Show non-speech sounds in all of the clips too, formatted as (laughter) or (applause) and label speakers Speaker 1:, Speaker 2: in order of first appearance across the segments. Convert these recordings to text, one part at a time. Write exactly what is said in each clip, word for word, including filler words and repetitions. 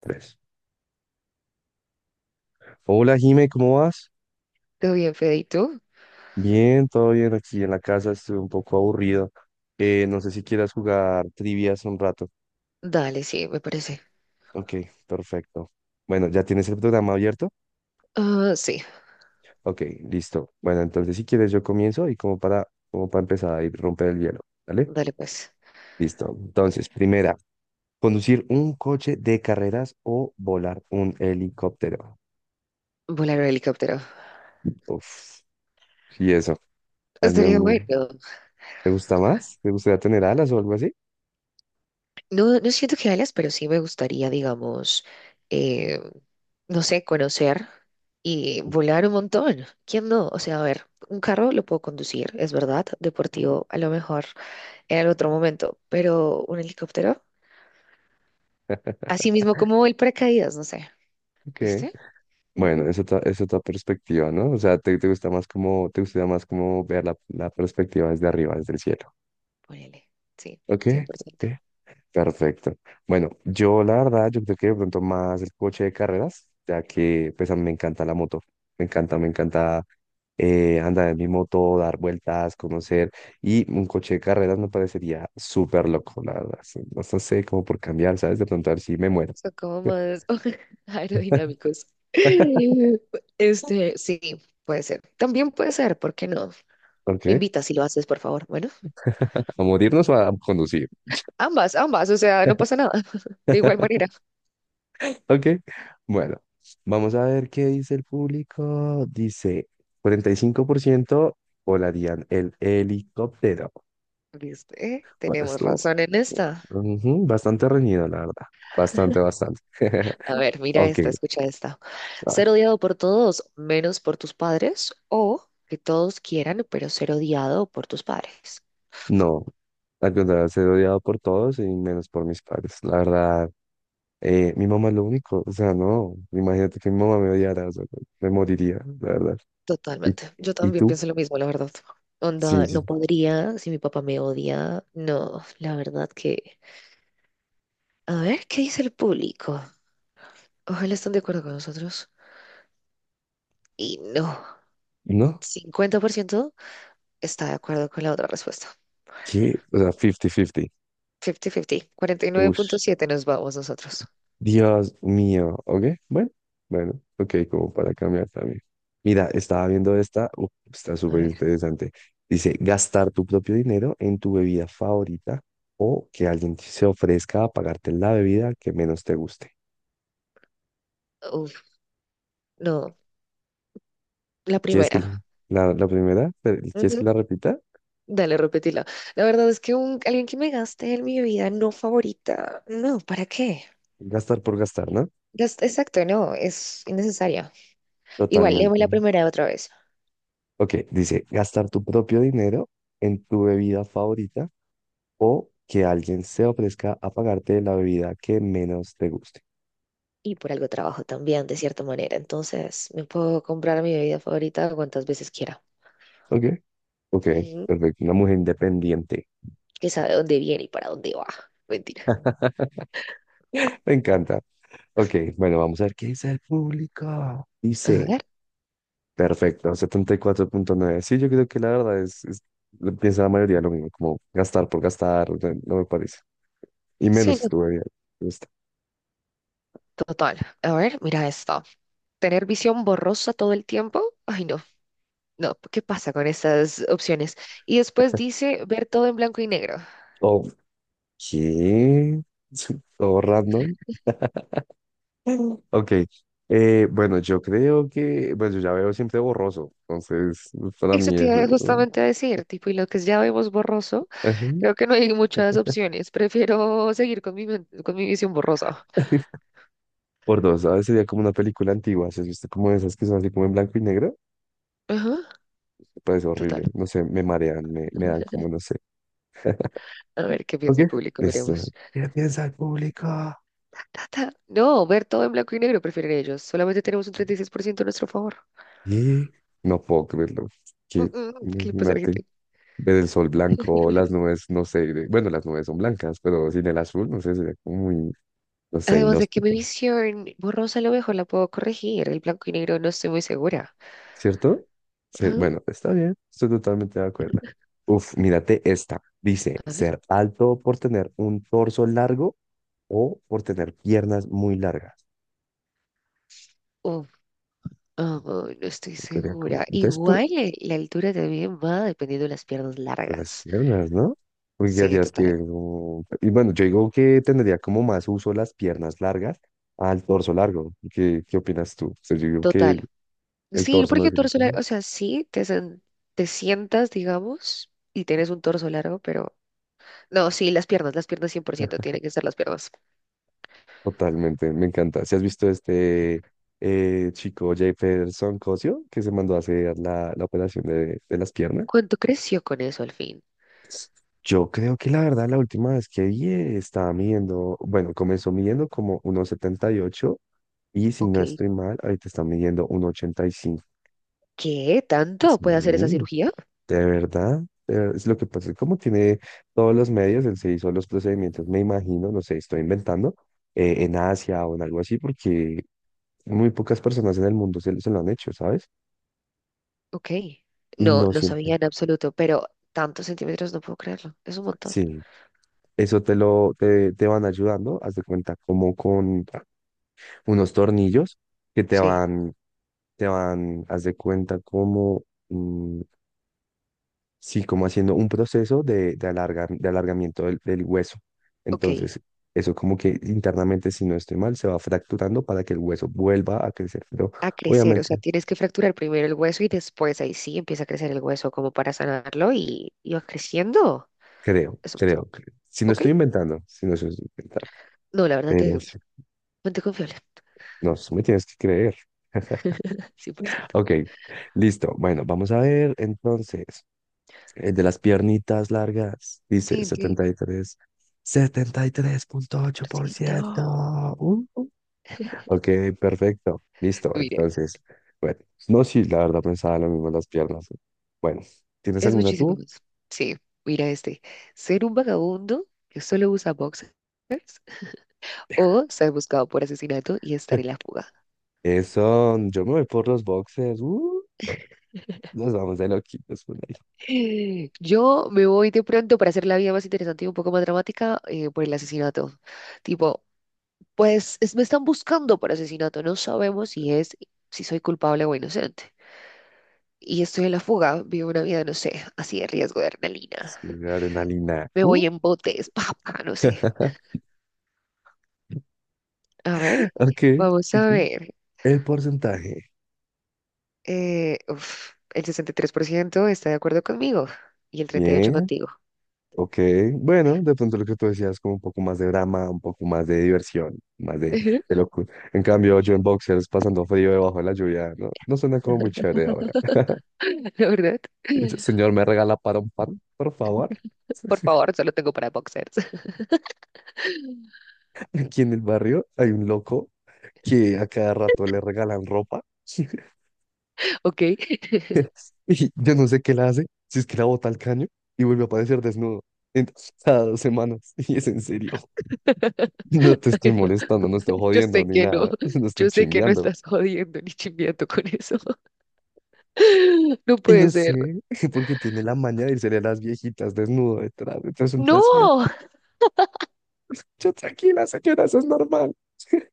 Speaker 1: Tres. Hola Jime, ¿cómo vas?
Speaker 2: ¿Todo bien, Fede? ¿Y tú?
Speaker 1: Bien, todo bien aquí en la casa, estuve un poco aburrido. Eh, no sé si quieras jugar trivias un rato.
Speaker 2: Dale, sí, me parece.
Speaker 1: Ok, perfecto. Bueno, ¿ya tienes el programa abierto?
Speaker 2: Ah, sí,
Speaker 1: Ok, listo. Bueno, entonces si quieres yo comienzo y como para, como para empezar a romper el hielo, ¿vale?
Speaker 2: dale pues.
Speaker 1: Listo. Entonces, primera, conducir un coche de carreras o volar un helicóptero.
Speaker 2: Volar en helicóptero.
Speaker 1: Uf, y eso. Hazme
Speaker 2: Estaría
Speaker 1: un-
Speaker 2: bueno.
Speaker 1: ¿Te gusta más? ¿Te gustaría tener alas o algo así?
Speaker 2: No, no siento que alas, pero sí me gustaría, digamos, eh, no sé, conocer y volar un montón. ¿Quién no? O sea, a ver, un carro lo puedo conducir, es verdad, deportivo, a lo mejor en el otro momento, pero un helicóptero, así mismo como el paracaídas, no sé,
Speaker 1: Ok.
Speaker 2: ¿viste?
Speaker 1: Bueno,
Speaker 2: Ujú,
Speaker 1: es otra, es otra perspectiva, ¿no? O sea, te, te gusta más como, te gusta más como ver la, la perspectiva desde arriba, desde el cielo.
Speaker 2: Ponele, sí,
Speaker 1: ¿Ok?
Speaker 2: cien por
Speaker 1: ¿Ok?
Speaker 2: ciento.
Speaker 1: Perfecto. Bueno, yo la verdad, yo creo que de pronto más el coche de carreras, ya que pues a mí me encanta la moto. Me encanta, me encanta eh, andar en mi moto, dar vueltas, conocer. Y un coche de carreras me parecería súper loco, la verdad. Sí. No no sé como por cambiar, ¿sabes? De pronto a ver si me muero.
Speaker 2: Son como más (laughs) aerodinámicos.
Speaker 1: (laughs)
Speaker 2: Este, sí, puede ser. También puede ser, ¿por qué no?
Speaker 1: ¿Ok?
Speaker 2: Me invitas si lo haces, por favor. Bueno,
Speaker 1: ¿A morirnos o a conducir?
Speaker 2: ambas, ambas, o sea, no pasa nada. (laughs) De igual manera.
Speaker 1: Ok, bueno, vamos a ver qué dice el público. Dice, cuarenta y cinco por ciento volarían el helicóptero.
Speaker 2: ¿Viste?
Speaker 1: ¿Cuál es
Speaker 2: Tenemos
Speaker 1: tú?
Speaker 2: razón en esta.
Speaker 1: Ujú, bastante reñido, la verdad. Bastante, bastante.
Speaker 2: A
Speaker 1: (laughs)
Speaker 2: ver, mira
Speaker 1: Ok,
Speaker 2: esta, escucha esta.
Speaker 1: ay,
Speaker 2: Ser odiado por todos, menos por tus padres, o que todos quieran, pero ser odiado por tus padres.
Speaker 1: no. Al contrario, ser odiado por todos y menos por mis padres. La verdad, eh, mi mamá es lo único. O sea, no. Imagínate que mi mamá me odiara. O sea, me moriría, la verdad. ¿Y,
Speaker 2: Totalmente. Yo
Speaker 1: y
Speaker 2: también
Speaker 1: tú?
Speaker 2: pienso lo mismo, la verdad.
Speaker 1: Sí,
Speaker 2: Onda, no
Speaker 1: sí.
Speaker 2: podría, si mi papá me odia, no, la verdad que... A ver, ¿qué dice el público? Ojalá estén de acuerdo con nosotros. Y no,
Speaker 1: ¿No?
Speaker 2: cincuenta por ciento está de acuerdo con la otra respuesta.
Speaker 1: ¿Qué? O sea, cincuenta cincuenta.
Speaker 2: Cincuenta cincuenta. Cuarenta y nueve punto
Speaker 1: Ush.
Speaker 2: siete nos vamos nosotros.
Speaker 1: Dios mío, ¿ok? Bueno, bueno, ok, como para cambiar también. Mira, estaba viendo esta, uf, está
Speaker 2: A
Speaker 1: súper
Speaker 2: ver,
Speaker 1: interesante. Dice, gastar tu propio dinero en tu bebida favorita o que alguien se ofrezca a pagarte la bebida que menos te guste.
Speaker 2: uf, no, la
Speaker 1: ¿Quieres que le-
Speaker 2: primera.
Speaker 1: la, la primera? Pero, ¿quieres que la
Speaker 2: Ujú.
Speaker 1: repita?
Speaker 2: Dale, repetila. La verdad es que un, alguien que me gaste en mi vida no favorita, no, ¿para qué?
Speaker 1: Gastar por gastar, ¿no?
Speaker 2: Gas- Exacto, no, es innecesaria. Igual, léeme
Speaker 1: Totalmente.
Speaker 2: la primera otra vez.
Speaker 1: Ok, dice, gastar tu propio dinero en tu bebida favorita o que alguien se ofrezca a pagarte la bebida que menos te guste.
Speaker 2: Y por algo trabajo también, de cierta manera. Entonces, me puedo comprar mi bebida favorita cuantas veces quiera.
Speaker 1: Ok. Ok,
Speaker 2: Ujú,
Speaker 1: perfecto. Una mujer independiente.
Speaker 2: que sabe dónde viene y para dónde va. Mentira.
Speaker 1: Me encanta. Ok, bueno, vamos a ver qué dice el público.
Speaker 2: A
Speaker 1: Dice,
Speaker 2: ver.
Speaker 1: perfecto, setenta y cuatro punto nueve. Sí, yo creo que la verdad es, es- lo piensa la mayoría lo mismo, como gastar por gastar, no, no me parece. Y menos
Speaker 2: Sí,
Speaker 1: si
Speaker 2: no,
Speaker 1: estuve bien. Me gusta.
Speaker 2: total. A ver, mira esto. ¿Tener visión borrosa todo el tiempo? Ay, no. No, ¿qué pasa con estas opciones? Y después dice ver todo en blanco y negro.
Speaker 1: Ok, (laughs) todo random. (laughs) Ok. Eh, bueno, yo creo que, pues yo ya veo siempre borroso, entonces para
Speaker 2: Eso
Speaker 1: mí
Speaker 2: te
Speaker 1: es (laughs)
Speaker 2: iba
Speaker 1: uh,
Speaker 2: justamente a decir, tipo, y lo que ya vemos borroso,
Speaker 1: ajá.
Speaker 2: creo que no hay muchas opciones. Prefiero seguir con mi, men- con mi visión borrosa.
Speaker 1: Por dos, ¿sabes? Sería como una película antigua, ¿sí? ¿Has visto como esas que son así como en blanco y negro?
Speaker 2: Ajá.
Speaker 1: Me parece
Speaker 2: Total.
Speaker 1: horrible, no sé, me marean, me, me dan como, no sé.
Speaker 2: A ver qué
Speaker 1: Ok,
Speaker 2: piensa el público,
Speaker 1: listo.
Speaker 2: veremos.
Speaker 1: ¿Qué piensa el público?
Speaker 2: Ta, ta, ta. No, ver todo en blanco y negro, prefieren ellos. Solamente tenemos un treinta y seis por ciento a nuestro favor.
Speaker 1: Y no puedo creerlo,
Speaker 2: Mm,
Speaker 1: que
Speaker 2: mm, mm, ¿qué le pasa a la
Speaker 1: imagínate
Speaker 2: gente?
Speaker 1: ver el sol blanco, las nubes, no sé, de- bueno, las nubes son blancas, pero sin el azul, no sé, sería como muy, no sé,
Speaker 2: Además de que mi
Speaker 1: inhóspito.
Speaker 2: visión borrosa a lo mejor la puedo corregir. El blanco y negro no estoy muy segura.
Speaker 1: ¿Cierto? Sí,
Speaker 2: Ajá,
Speaker 1: bueno, está bien, estoy totalmente de acuerdo. Uf, mírate esta. Dice,
Speaker 2: a ver.
Speaker 1: ser alto por tener un torso largo o por tener piernas muy largas.
Speaker 2: Uf, ah, no estoy
Speaker 1: Sería como,
Speaker 2: segura.
Speaker 1: de esto,
Speaker 2: Igual eh, la altura también va dependiendo de las piernas
Speaker 1: las
Speaker 2: largas.
Speaker 1: piernas, ¿no? Porque ya
Speaker 2: Sí, total.
Speaker 1: que, como- y bueno, yo digo que tendría como más uso las piernas largas al torso largo. ¿Qué, qué opinas tú? O sea, yo digo que
Speaker 2: Total.
Speaker 1: el, el
Speaker 2: Sí,
Speaker 1: torso no
Speaker 2: porque
Speaker 1: es...
Speaker 2: el torso largo, o sea, sí, te, sen- te sientas, digamos, y tienes un torso largo, pero no, sí, las piernas, las piernas cien por ciento, tienen que ser las piernas.
Speaker 1: Totalmente, me encanta. ¿Si has visto este eh, chico Jefferson Cosio que se mandó a hacer la, la operación de, de las piernas?
Speaker 2: ¿Cuánto creció con eso al fin?
Speaker 1: Yo creo que la verdad la última vez que vi eh, estaba midiendo, bueno, comenzó midiendo como uno setenta y ocho y si
Speaker 2: Ok.
Speaker 1: no estoy mal, ahorita está midiendo uno ochenta y cinco.
Speaker 2: ¿Qué? ¿Tanto puede hacer esa
Speaker 1: Sí,
Speaker 2: cirugía?
Speaker 1: de verdad. De ver- es lo que pasa, es como tiene todos los medios, él se hizo los procedimientos, me imagino, no sé, estoy inventando, eh, en Asia o en algo así, porque muy pocas personas en el mundo se, se lo han hecho, ¿sabes?
Speaker 2: Ok.
Speaker 1: Y
Speaker 2: No,
Speaker 1: no
Speaker 2: no
Speaker 1: siempre.
Speaker 2: sabía en absoluto, pero tantos centímetros no puedo creerlo. Es un montón.
Speaker 1: Sí, eso te lo te, te van ayudando, haz de cuenta, como con unos tornillos que te
Speaker 2: Sí,
Speaker 1: van, te van, haz de cuenta, como, mm, sí, como haciendo un proceso de, de, alarga- de alargamiento del, del hueso.
Speaker 2: ok.
Speaker 1: Entonces, eso como que internamente, si no estoy mal, se va fracturando para que el hueso vuelva a crecer. Pero
Speaker 2: A crecer, o sea,
Speaker 1: obviamente,
Speaker 2: tienes que fracturar primero el hueso y después ahí sí empieza a crecer el hueso como para sanarlo y, y va creciendo.
Speaker 1: creo,
Speaker 2: Es un-
Speaker 1: creo, creo. Si no
Speaker 2: Ok.
Speaker 1: estoy inventando, si no estoy inventando.
Speaker 2: No, la verdad
Speaker 1: Pero
Speaker 2: que
Speaker 1: sí.
Speaker 2: mente confiable.
Speaker 1: No, tú me tienes que creer.
Speaker 2: (laughs) cien por ciento.
Speaker 1: Ok, listo. Bueno, vamos a ver entonces. El de las piernitas largas dice
Speaker 2: Tin, tin,
Speaker 1: setenta setenta y y tres setenta y tres punto
Speaker 2: cien
Speaker 1: setenta y tres.
Speaker 2: por ciento.
Speaker 1: setenta y tres punto ocho por ciento. Uh. Ok, perfecto. Listo.
Speaker 2: Mira.
Speaker 1: Entonces, bueno, no, sí, la verdad pensaba lo mismo en las piernas. Bueno, ¿tienes
Speaker 2: Es
Speaker 1: alguna
Speaker 2: muchísimo
Speaker 1: tú?
Speaker 2: más. Sí, mira este. Ser un vagabundo que solo usa boxer o
Speaker 1: (laughs)
Speaker 2: ser buscado por asesinato y estar en la fuga.
Speaker 1: Eso, yo me voy por los boxers. Uh,
Speaker 2: (laughs)
Speaker 1: nos vamos de loquitos por ahí.
Speaker 2: Yo me voy de pronto para hacer la vida más interesante y un poco más dramática eh, por el asesinato. Tipo, pues es- me están buscando por asesinato. No sabemos si es, si soy culpable o inocente. Y estoy en la fuga, vivo una vida, no sé, así de riesgo de adrenalina.
Speaker 1: Sí, de adrenalina.
Speaker 2: Me
Speaker 1: Uh.
Speaker 2: voy en botes, (laughs) papá, no sé.
Speaker 1: (laughs)
Speaker 2: A ver,
Speaker 1: Ok,
Speaker 2: vamos
Speaker 1: ¿y
Speaker 2: a
Speaker 1: tú?
Speaker 2: ver.
Speaker 1: El porcentaje.
Speaker 2: Eh, uf, el sesenta y tres por ciento está de acuerdo conmigo y el
Speaker 1: Bien,
Speaker 2: treinta y ocho por ciento contigo.
Speaker 1: ok. Bueno, de pronto lo que tú decías es como un poco más de drama, un poco más de diversión, más de, de
Speaker 2: (laughs)
Speaker 1: locura. En cambio, yo en boxers pasando frío debajo de la lluvia, no, no suena como muy chévere ahora. (laughs)
Speaker 2: La verdad.
Speaker 1: Y yo, señor, ¿me regala para un pan, por favor?
Speaker 2: Por
Speaker 1: (laughs)
Speaker 2: favor, solo tengo para boxers. (laughs)
Speaker 1: Aquí en el barrio hay un loco que a cada rato le regalan ropa
Speaker 2: ¿Ok?
Speaker 1: (laughs) y yo no sé qué la hace, si es que la bota al caño y vuelve a aparecer desnudo. Entonces, (laughs) cada dos semanas, (laughs) y es en serio.
Speaker 2: (laughs)
Speaker 1: No te estoy molestando, no estoy
Speaker 2: Yo
Speaker 1: jodiendo
Speaker 2: sé
Speaker 1: ni
Speaker 2: que no.
Speaker 1: nada, (laughs) no estoy
Speaker 2: Yo sé que no
Speaker 1: chimbeando.
Speaker 2: estás jodiendo ni chimbiando con eso. (laughs) No
Speaker 1: (laughs) Y
Speaker 2: puede
Speaker 1: no
Speaker 2: ser.
Speaker 1: sé, (laughs) porque tiene la maña de irse a las viejitas desnudo detrás. Entonces, en
Speaker 2: ¡No!
Speaker 1: plan, señora, yo tranquila, señora, eso es normal. (laughs)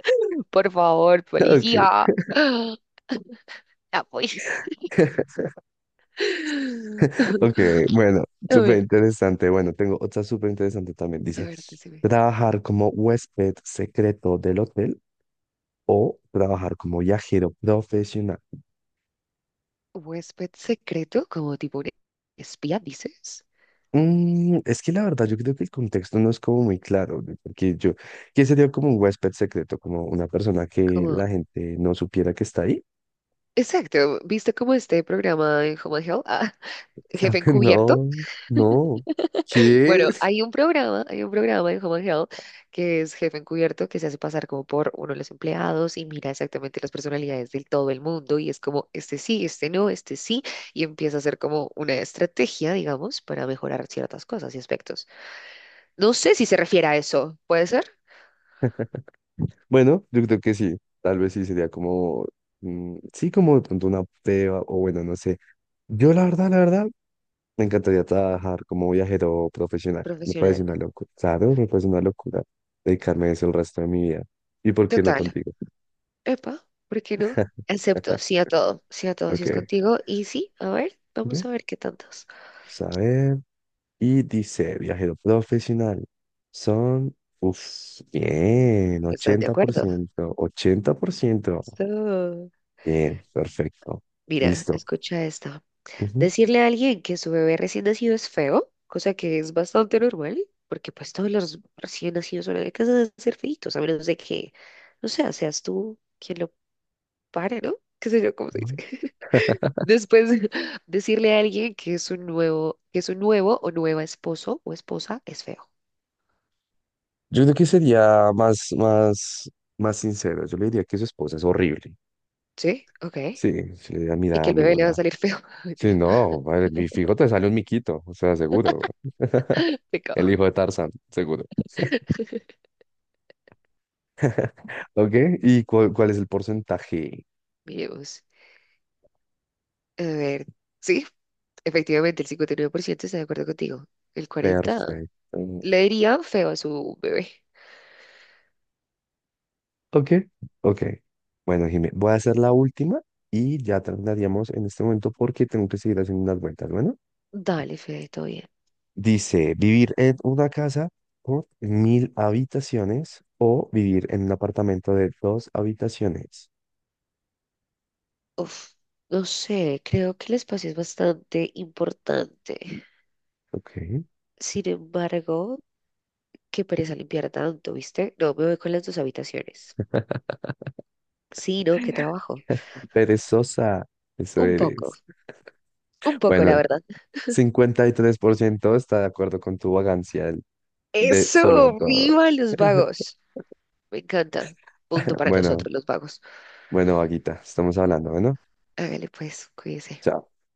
Speaker 2: (laughs) Por favor,
Speaker 1: Ok,
Speaker 2: policía. (gasps) Ah, voy.
Speaker 1: (laughs) ok, bueno,
Speaker 2: (laughs) A
Speaker 1: súper
Speaker 2: ver,
Speaker 1: interesante. Bueno, tengo otra súper interesante también.
Speaker 2: a
Speaker 1: Dice,
Speaker 2: ver, decime.
Speaker 1: trabajar como huésped secreto del hotel o trabajar como viajero profesional.
Speaker 2: ¿Huésped secreto? Como tipo un espía, dices.
Speaker 1: Mm, es que la verdad, yo creo que el contexto no es como muy claro, ¿no? Porque yo, ¿qué sería como un huésped secreto? Como una persona que
Speaker 2: Como
Speaker 1: la gente no supiera que está ahí.
Speaker 2: Exacto, ¿viste como este programa en Home and Health? Ah, (laughs) Jefe
Speaker 1: (laughs)
Speaker 2: Encubierto.
Speaker 1: No, no. ¿Qué?
Speaker 2: Bueno, hay un programa, hay un programa en Home and Health que es Jefe Encubierto que se hace pasar como por uno de los empleados y mira exactamente las personalidades de todo el mundo y es como este sí, este no, este sí y empieza a hacer como una estrategia, digamos, para mejorar ciertas cosas y aspectos. No sé si se refiere a eso, ¿puede ser?
Speaker 1: Bueno, yo creo que sí. Tal vez sí sería como, mm, sí, como de pronto una prueba o bueno, no sé. Yo la verdad, la verdad, me encantaría trabajar como viajero profesional. Me parece
Speaker 2: Profesional.
Speaker 1: una locura. Claro, me parece una locura dedicarme a eso el resto de mi vida. ¿Y por qué no
Speaker 2: Total.
Speaker 1: contigo?
Speaker 2: Epa, ¿por qué no? Acepto, sí
Speaker 1: (laughs)
Speaker 2: a todo, sí a todo, si es
Speaker 1: Ok.
Speaker 2: contigo y sí, a ver,
Speaker 1: Ok.
Speaker 2: vamos a ver qué tanto.
Speaker 1: Vamos a ver. Y dice, viajero profesional. Son, uff, bien,
Speaker 2: ¿Estás de
Speaker 1: ochenta por
Speaker 2: acuerdo?
Speaker 1: ciento ochenta por ciento.
Speaker 2: So,
Speaker 1: Bien, perfecto.
Speaker 2: mira,
Speaker 1: Listo.
Speaker 2: escucha esta.
Speaker 1: Ujú,
Speaker 2: Decirle a alguien que su bebé recién nacido es feo, cosa que es bastante normal, porque pues todos los recién nacidos son casos de ser feitos, a menos de que, no sé, seas tú quien lo pare, ¿no? ¿Qué sé yo cómo se
Speaker 1: ujú.
Speaker 2: dice? (laughs) Después, (laughs) decirle a alguien que es un nuevo, que es un nuevo o nueva esposo o esposa es feo.
Speaker 1: Yo creo que sería más, más, más sincero. Yo le diría que su esposa es horrible.
Speaker 2: ¿Sí? Ok.
Speaker 1: Sí, sí, le diría,
Speaker 2: Y
Speaker 1: mira,
Speaker 2: que el bebé
Speaker 1: amigo,
Speaker 2: le va a
Speaker 1: la...
Speaker 2: salir feo. (laughs)
Speaker 1: Sí,
Speaker 2: Mentira,
Speaker 1: no, madre, mi fijo te sale un miquito, o sea, seguro. El
Speaker 2: pecado.
Speaker 1: hijo de Tarzán, seguro.
Speaker 2: (laughs)
Speaker 1: ¿Ok? ¿Y cuál, cuál es el porcentaje?
Speaker 2: Miremos. A ver, sí. Efectivamente, el cincuenta y nueve por ciento está de acuerdo contigo. El cuarenta por ciento
Speaker 1: Perfecto.
Speaker 2: le diría feo a su bebé.
Speaker 1: ¿Ok? Ok. Bueno, Jimé, voy a hacer la última y ya terminaríamos en este momento porque tengo que seguir haciendo unas vueltas. Bueno.
Speaker 2: Dale, Fede, todo bien.
Speaker 1: Dice, vivir en una casa con mil habitaciones o vivir en un apartamento de dos habitaciones.
Speaker 2: Uf, no sé, creo que el espacio es bastante importante.
Speaker 1: Ok,
Speaker 2: Sin embargo, qué pereza limpiar tanto, ¿viste? No, me voy con las dos habitaciones. Sí, ¿no? Qué trabajo.
Speaker 1: perezosa, eso
Speaker 2: Un poco,
Speaker 1: eres.
Speaker 2: un poco, la
Speaker 1: Bueno,
Speaker 2: verdad.
Speaker 1: cincuenta y tres por ciento está de acuerdo con tu vagancia de solo
Speaker 2: ¡Eso!
Speaker 1: dos.
Speaker 2: ¡Viva los
Speaker 1: (laughs)
Speaker 2: vagos! Me encanta. Punto para
Speaker 1: Bueno,
Speaker 2: nosotros, los vagos.
Speaker 1: bueno, vaguita, estamos hablando, ¿no?
Speaker 2: Hágale pues, cuídese.
Speaker 1: Chao.